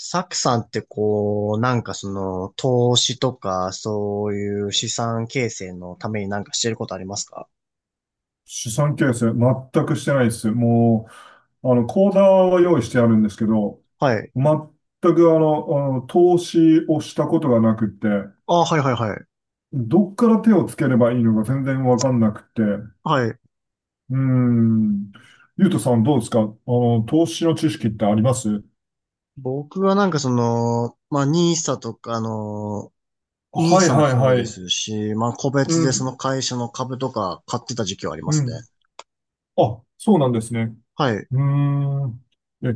サクさんってこう、投資とか、そういう資産形成のためになんかしてることありますか？資産形成、全くしてないです。もう、口座は用意してあるんですけど、はい。全くあの投資をしたことがなくて、あ、はいはいはい。どっから手をつければいいのか全然わかんなくて、はい。ーん。ゆうとさんどうですか。投資の知識ってあります僕はまあ、ニーサとか、あの、ニーはいサもはいそうはでい。すし、まあ、個う別でそん、の会社の株とか買ってた時期はありまうすね。ん。あ、そうなんですね。はい。うーん。え、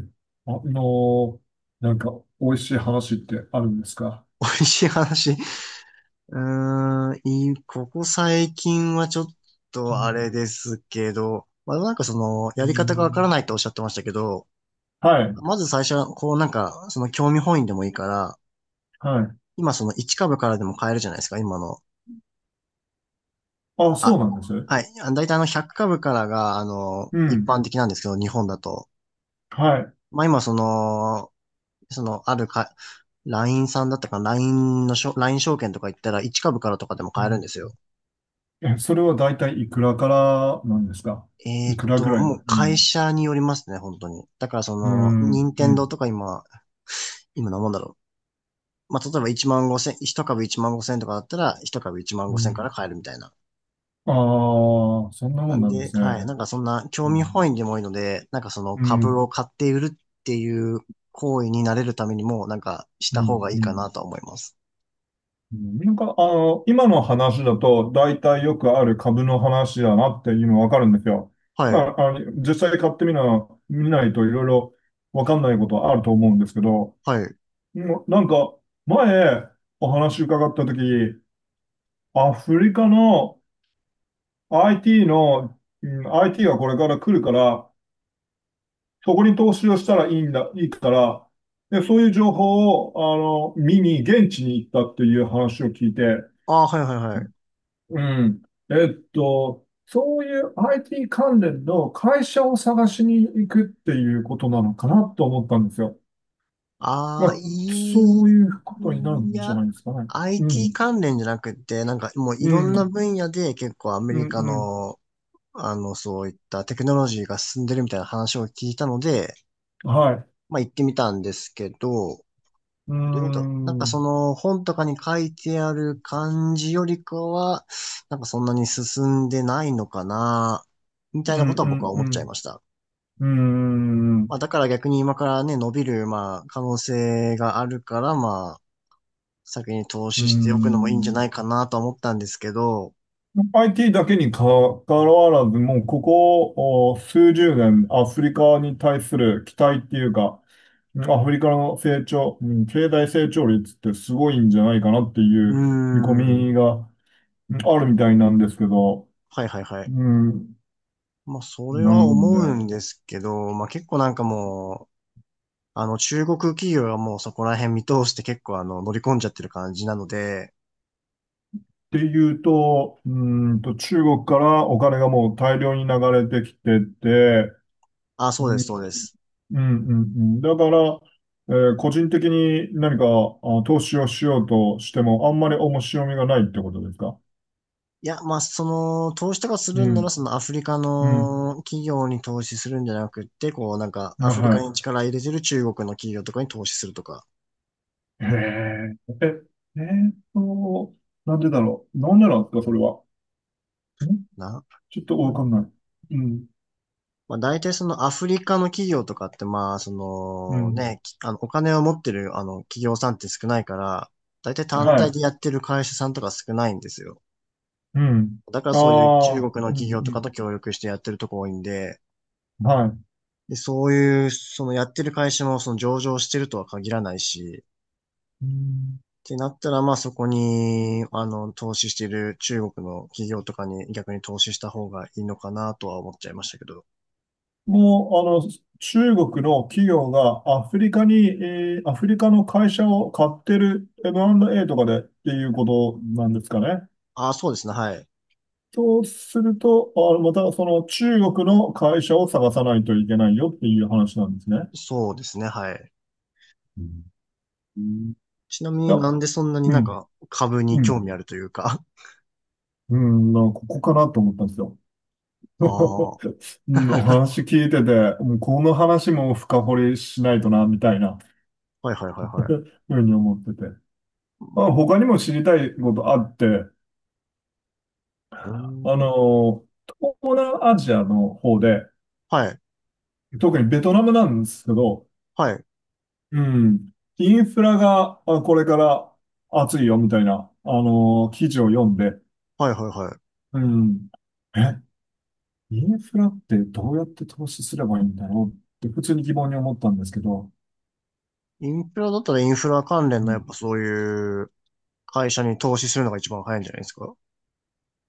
あのーなんか、美味しい話ってあるんですか？美味しい話。うーん、ここ最近はちょっうとあんれですけど、まあ、うやり方がわからん、ないっておっしゃってましたけど、はい、まず最初は、その興味本位でもいいから、はい。今その1株からでも買えるじゃないですか、今の。あ、そうあ、なんです。はい。あ、大体100株からが、う一ん、般的なんですけど、日本だと。はい。まあ今その、その、あるか、LINE さんだったかな、LINE のしょ、LIN 証券とか行ったら1株からとかでもう買えるんん、ですよ。え、それは大体いくらからなんですか？いくらぐらい？うもう会ん、社によりますね、本当に。だからそうの、ん、任う天堂ん、とか今何もんだろう。まあ、例えば1万5千、1株1万5千とかだったら、1株1万う5千かん。ら買えるみたいな。ああ、そんななもんんなんでで、すはい。なね。んかそんな興う味本ん、位でもいいので、なんかそのう株ん、を買って売るっていう行為になれるためにも、なんかしうた方ん、がいいうかん。なとは思います。うん、今の話だと、大体よくある株の話だなっていうのわかるんですよ。はまい。あ、実際買ってみな、見ないといろいろわかんないことはあると思うんですけど、はい。もうなんか、前、お話伺ったとき、アフリカの IT の、うん、IT がこれから来るから、そこに投資をしたらいいんだ、いいから、で、そういう情報を、見に、現地に行ったっていう話を聞いて、ああ、はいはいはい。うん。えっと、そういう IT 関連の会社を探しに行くっていうことなのかなと思ったんですよ。まああ、あ、そいういうことになるいんじゃや、ないですかね。う IT ん。関連じゃなくて、なんかもういうろんなん。分野で結構アメうんリカうん。の、そういったテクノロジーが進んでるみたいな話を聞いたので、はい。まあ行ってみたんですけど、うーどうだろう。なんん。うかそんの本とかに書いてある感じよりかは、なんかそんなに進んでないのかな、みたういなんことは僕はう思っちゃいまん。した。うーまん。あだから逆に今からね、伸びる、まあ可能性があるから、まあ先に投うー資しておくのもいいんじゃん。ないかなとは思ったんですけど、IT だけにかかわらず、もうここお数十年、アフリカに対する期待っていうか、アフリカの成長、うん、経済成長率ってすごいんじゃないかなっていうーう見込みん。が、うん、あるみたいなんですけど、はいはいはい。うん、まあそれなはん思で、うんですけど、まあ結構なんかもう、あの中国企業はもうそこら辺見通して結構あの乗り込んじゃってる感じなので、ていうと、中国からお金がもう大量に流れてきてて、あ、うそうでん、す、そうです。うん、うんだから、個人的に何か投資をしようとしても、あんまり面白みがないってことですか？いや、まあ、その、投資とかすうるんなら、ん、そのアフリカうん、の企業に投資するんじゃなくって、こう、なんか、あアフリカはに力入れてる中国の企業とかに投資するとか、い。へえ、え、えーっと、なんでだろう。なんでなんですか、それは。ん、な。ちょっとうわかん。んない。うん、まあ、大体そのアフリカの企業とかって、まあ、そうのん、ね、きあの、お金を持ってる、企業さんって少ないから、大体単は体い。でやってる会社さんとか少ないんですよ。うん。だからそういう中国ああ、のう企業とかん、と協力してやってるとこ多いんで、うん、はい。で、そういう、そのやってる会社もその上場してるとは限らないし、うん、てなったら、まあそこに、投資している中国の企業とかに逆に投資した方がいいのかなとは思っちゃいましたけど。もう、中国の企業がアフリカに、アフリカの会社を買ってる M&A とかでっていうことなんですかね。ああ、そうですね、はい。そうすると、あ、またその中国の会社を探さないといけないよっていう話なんですね。そうですね、はい。うんうん、いちなみにや、なんでそんなにうなんん、か株にう興ん、味あるというか。うん、なんかここかなと思ったんですよ。あ うん、おあ。話 聞いてて、もこの話も深掘りしないとな、みたいな はいはいはいはい。ふうに思ってて。まあ、他にも知りたいことあって、うあーん。の、東南アジアの方で、はい。特にベトナムなんですけど、はい。うん、インフラがあこれから熱いよみたいな、記事を読んで、はいはいはい。うん、え、インフラってどうやって投資すればいいんだろうって普通に疑問に思ったんですけど、インフラだったらインフラ関連うのやっん、ぱそういう会社に投資するのが一番早いんじゃないですか。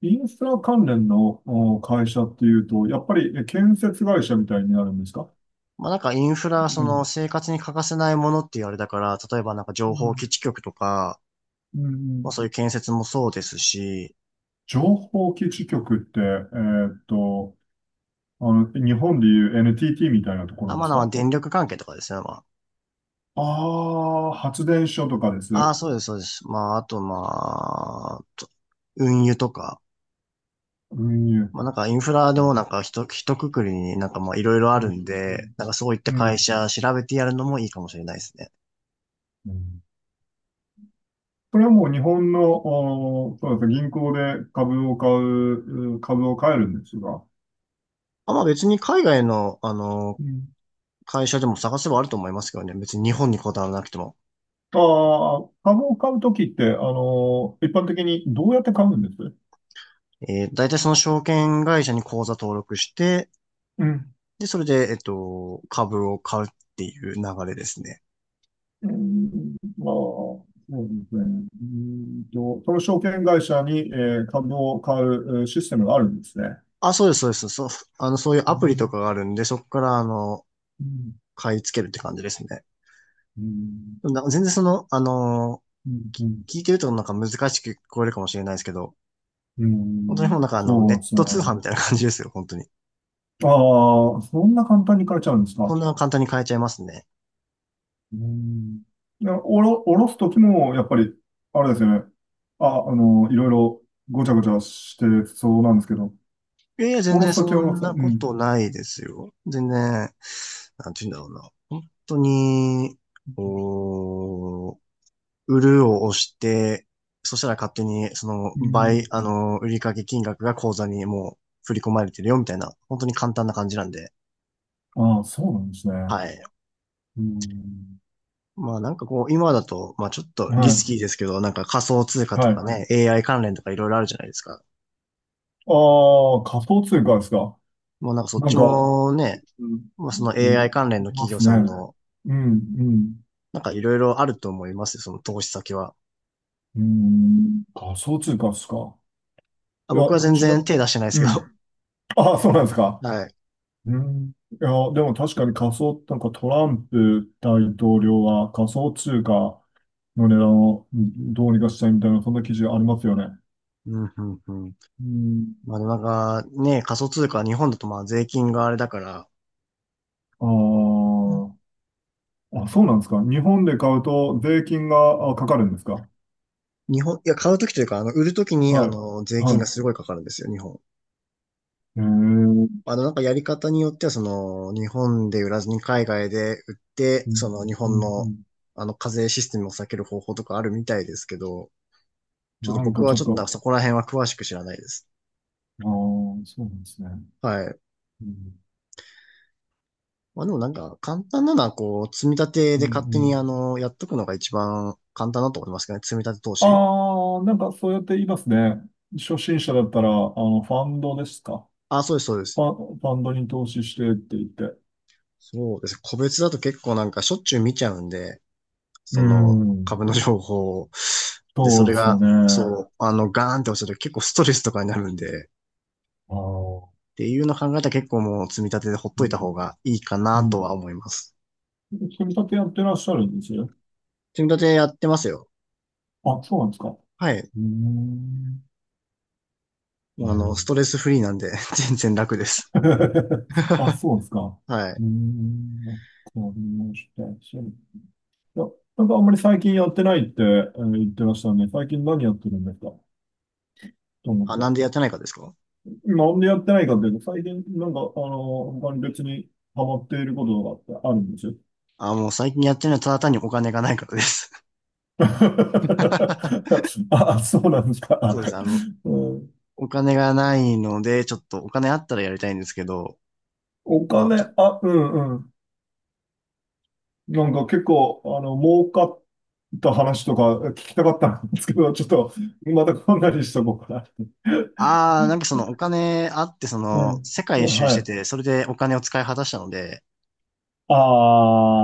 インフラ関連のお会社っていうと、やっぱりえ建設会社みたいになるんですか？まあなんかインフラ、うそのん。生活に欠かせないものっていうあれだから、例えばなんかう情報ん。基地局とか、うまあん。そういう建設もそうですし、情報基地局って、日本でいう NTT みたいなとこあ、ろまであすまあか？電力関係とかですね、まああー、発電所とかであ。あ、す。そうです、そうです。まああとまあ、運輸とか、運輸。まあなんかインフラうでもん。なんかひとくくりになんかまあいろいろあうるん。んで、なんかそういったう会ん社調べてやるのもいいかもしれないですね。うんこれはもう日本の、おーそうですね、銀行で株を買えるんですが、あ、まあ別に海外の、うん、会社でも探せばあると思いますけどね。別に日本にこだわらなくても。あー株を買うときって、あのー一般的にどうやって買うんです大体その証券会社に口座登録して、うんで、それで、株を買うっていう流れですね。うん、まあ、そうですね。うんと、その証券会社に、えー株を買うえーシステムがあるんですね。あ、そうです、そうです。そう、そういうアうプリとん、かがあるんで、そこから、う買い付けるって感じですね。でもん、なんか全然その、うん、うん、聞いてるとなんか難しく聞こえるかもしれないですけど、うん、本当にうもんうなんかあその、うネなッんですよト通販ね。みたいな感じですよ、本当に。ああ、そんな簡単に買えちゃうんですそんか？な簡単に買えちゃいますね。うん。いや、おろすときも、やっぱり、あれですよね。あ、いろいろごちゃごちゃしてそうなんですけど、いやいや、お全ろ然すときそはおろんす。うなこん。とないですよ。全然、なんて言うんだろうな。本当に、おー売るを押して、そしたら勝手に、その、う倍、ん。あの、売掛金額が口座にもう振り込まれてるよ、みたいな、本当に簡単な感じなんで、ああ、そうなんですね。はい。うん。まあなんかこう、今だと、まあちょっとリはスい。キーですけど、なんか仮想通貨とはかい。ね、AI 関連とかいろいろあるじゃないですか。ああ、仮想通貨ですか？もうなんかそっなちんか、もね、うんまあその い、い AI 関連のま企業すね。さんの、うん、うん、なんかいろいろあると思いますよ、その投資先は。うん。仮想通貨ですか？あ、いや、僕は全ちな、然手出してないですうけど。ん。ああ、そうなんですか？はい。うん。いや、でも確かに仮想、なんかトランプ大統領は仮想通貨の値段をうんどうにかしたいみたいな、そんな記事ありますよね。うん、うん、うん。うん。まあでもなんかね、仮想通貨は日本だとまあ税金があれだから、あうん、あ、あ、そうなんですか？日本で買うと税金があかかるんですか？いや、買うときというか、売るときに、は税い。は金い。がすごいかかるんですよ、日本。ええなんかやり方によっては、その、日本で売らずに海外で売って、うそん、の、日う本ん、うの、ん。課税システムを避ける方法とかあるみたいですけど、ちょっとなん僕かちはょっちょっとなんかと、そこら辺は詳しく知らないです。ああ、そうなんですね。はい。うん、まあでもなんか、簡単なのは、こう、積み立てうん、でう勝手に、ん。やっとくのが一番簡単だと思いますけどね、積み立て投資。ああ、なんかそうやって言いますね。初心者だったら、ファンドですか。あ、そうです、そうです。ファンドに投資してって言って。そうです。個別だと結構なんかしょっちゅう見ちゃうんで、うそのん、株の情報を。で、そそうれですよが、ね。あそう、ガーンって落ちると結構ストレスとかになるんで、っあ、ていうのを考えたら結構もう積み立てでほっうといたん、方がいいかうなとん。は思います。組み立てやってらっしゃるんですよ。積み立てやってますよ。あ、そうなんですか？うはい。ーん。うスん。 トレスフリーなんで 全然楽です。あ、そうですか？はうい。ーん。わかりました。いや、なんかあんまり最近やってないって、言ってましたね。最近何やってるんですかと思っあ、なんでて。やってないかですかなんでやってないかっていうと、最近なんか、他に別にハマっていることとかってあるんですよ。あ？もう最近やってるのはただ単にお金がないからです。あ、そうなんですか？そうです。うん、お金がないので、ちょっとお金あったらやりたいんですけど、おまあ、金、あ、うんうん。なんか結構、儲かった話とか聞きたかったんですけど、ちょっと、またこんなにしとこうかああ、なんかそのお金あって、そな。の世界う一ん。周しはてい。て、それでお金を使い果たしたので、あ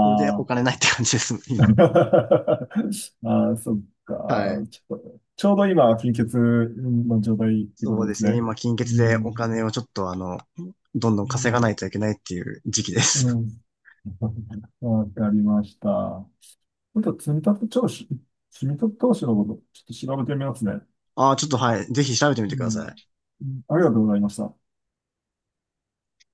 それでおあ。金ないって感じです、今。ああ、そっか。はい。ちょっと、ちょうど今、貧血の状態ってこそとうでですすね、ね。今、金う欠でおん。金をちょっとあの、どんどんう稼がなん。いといけないっていう時期でうす。ん。わかりました。今度、積み立て投資のこと、ちょっと調べてみますね。ああ、ちょっとはい、ぜひ調べてみうてん。ください。うん、ありがとうございました。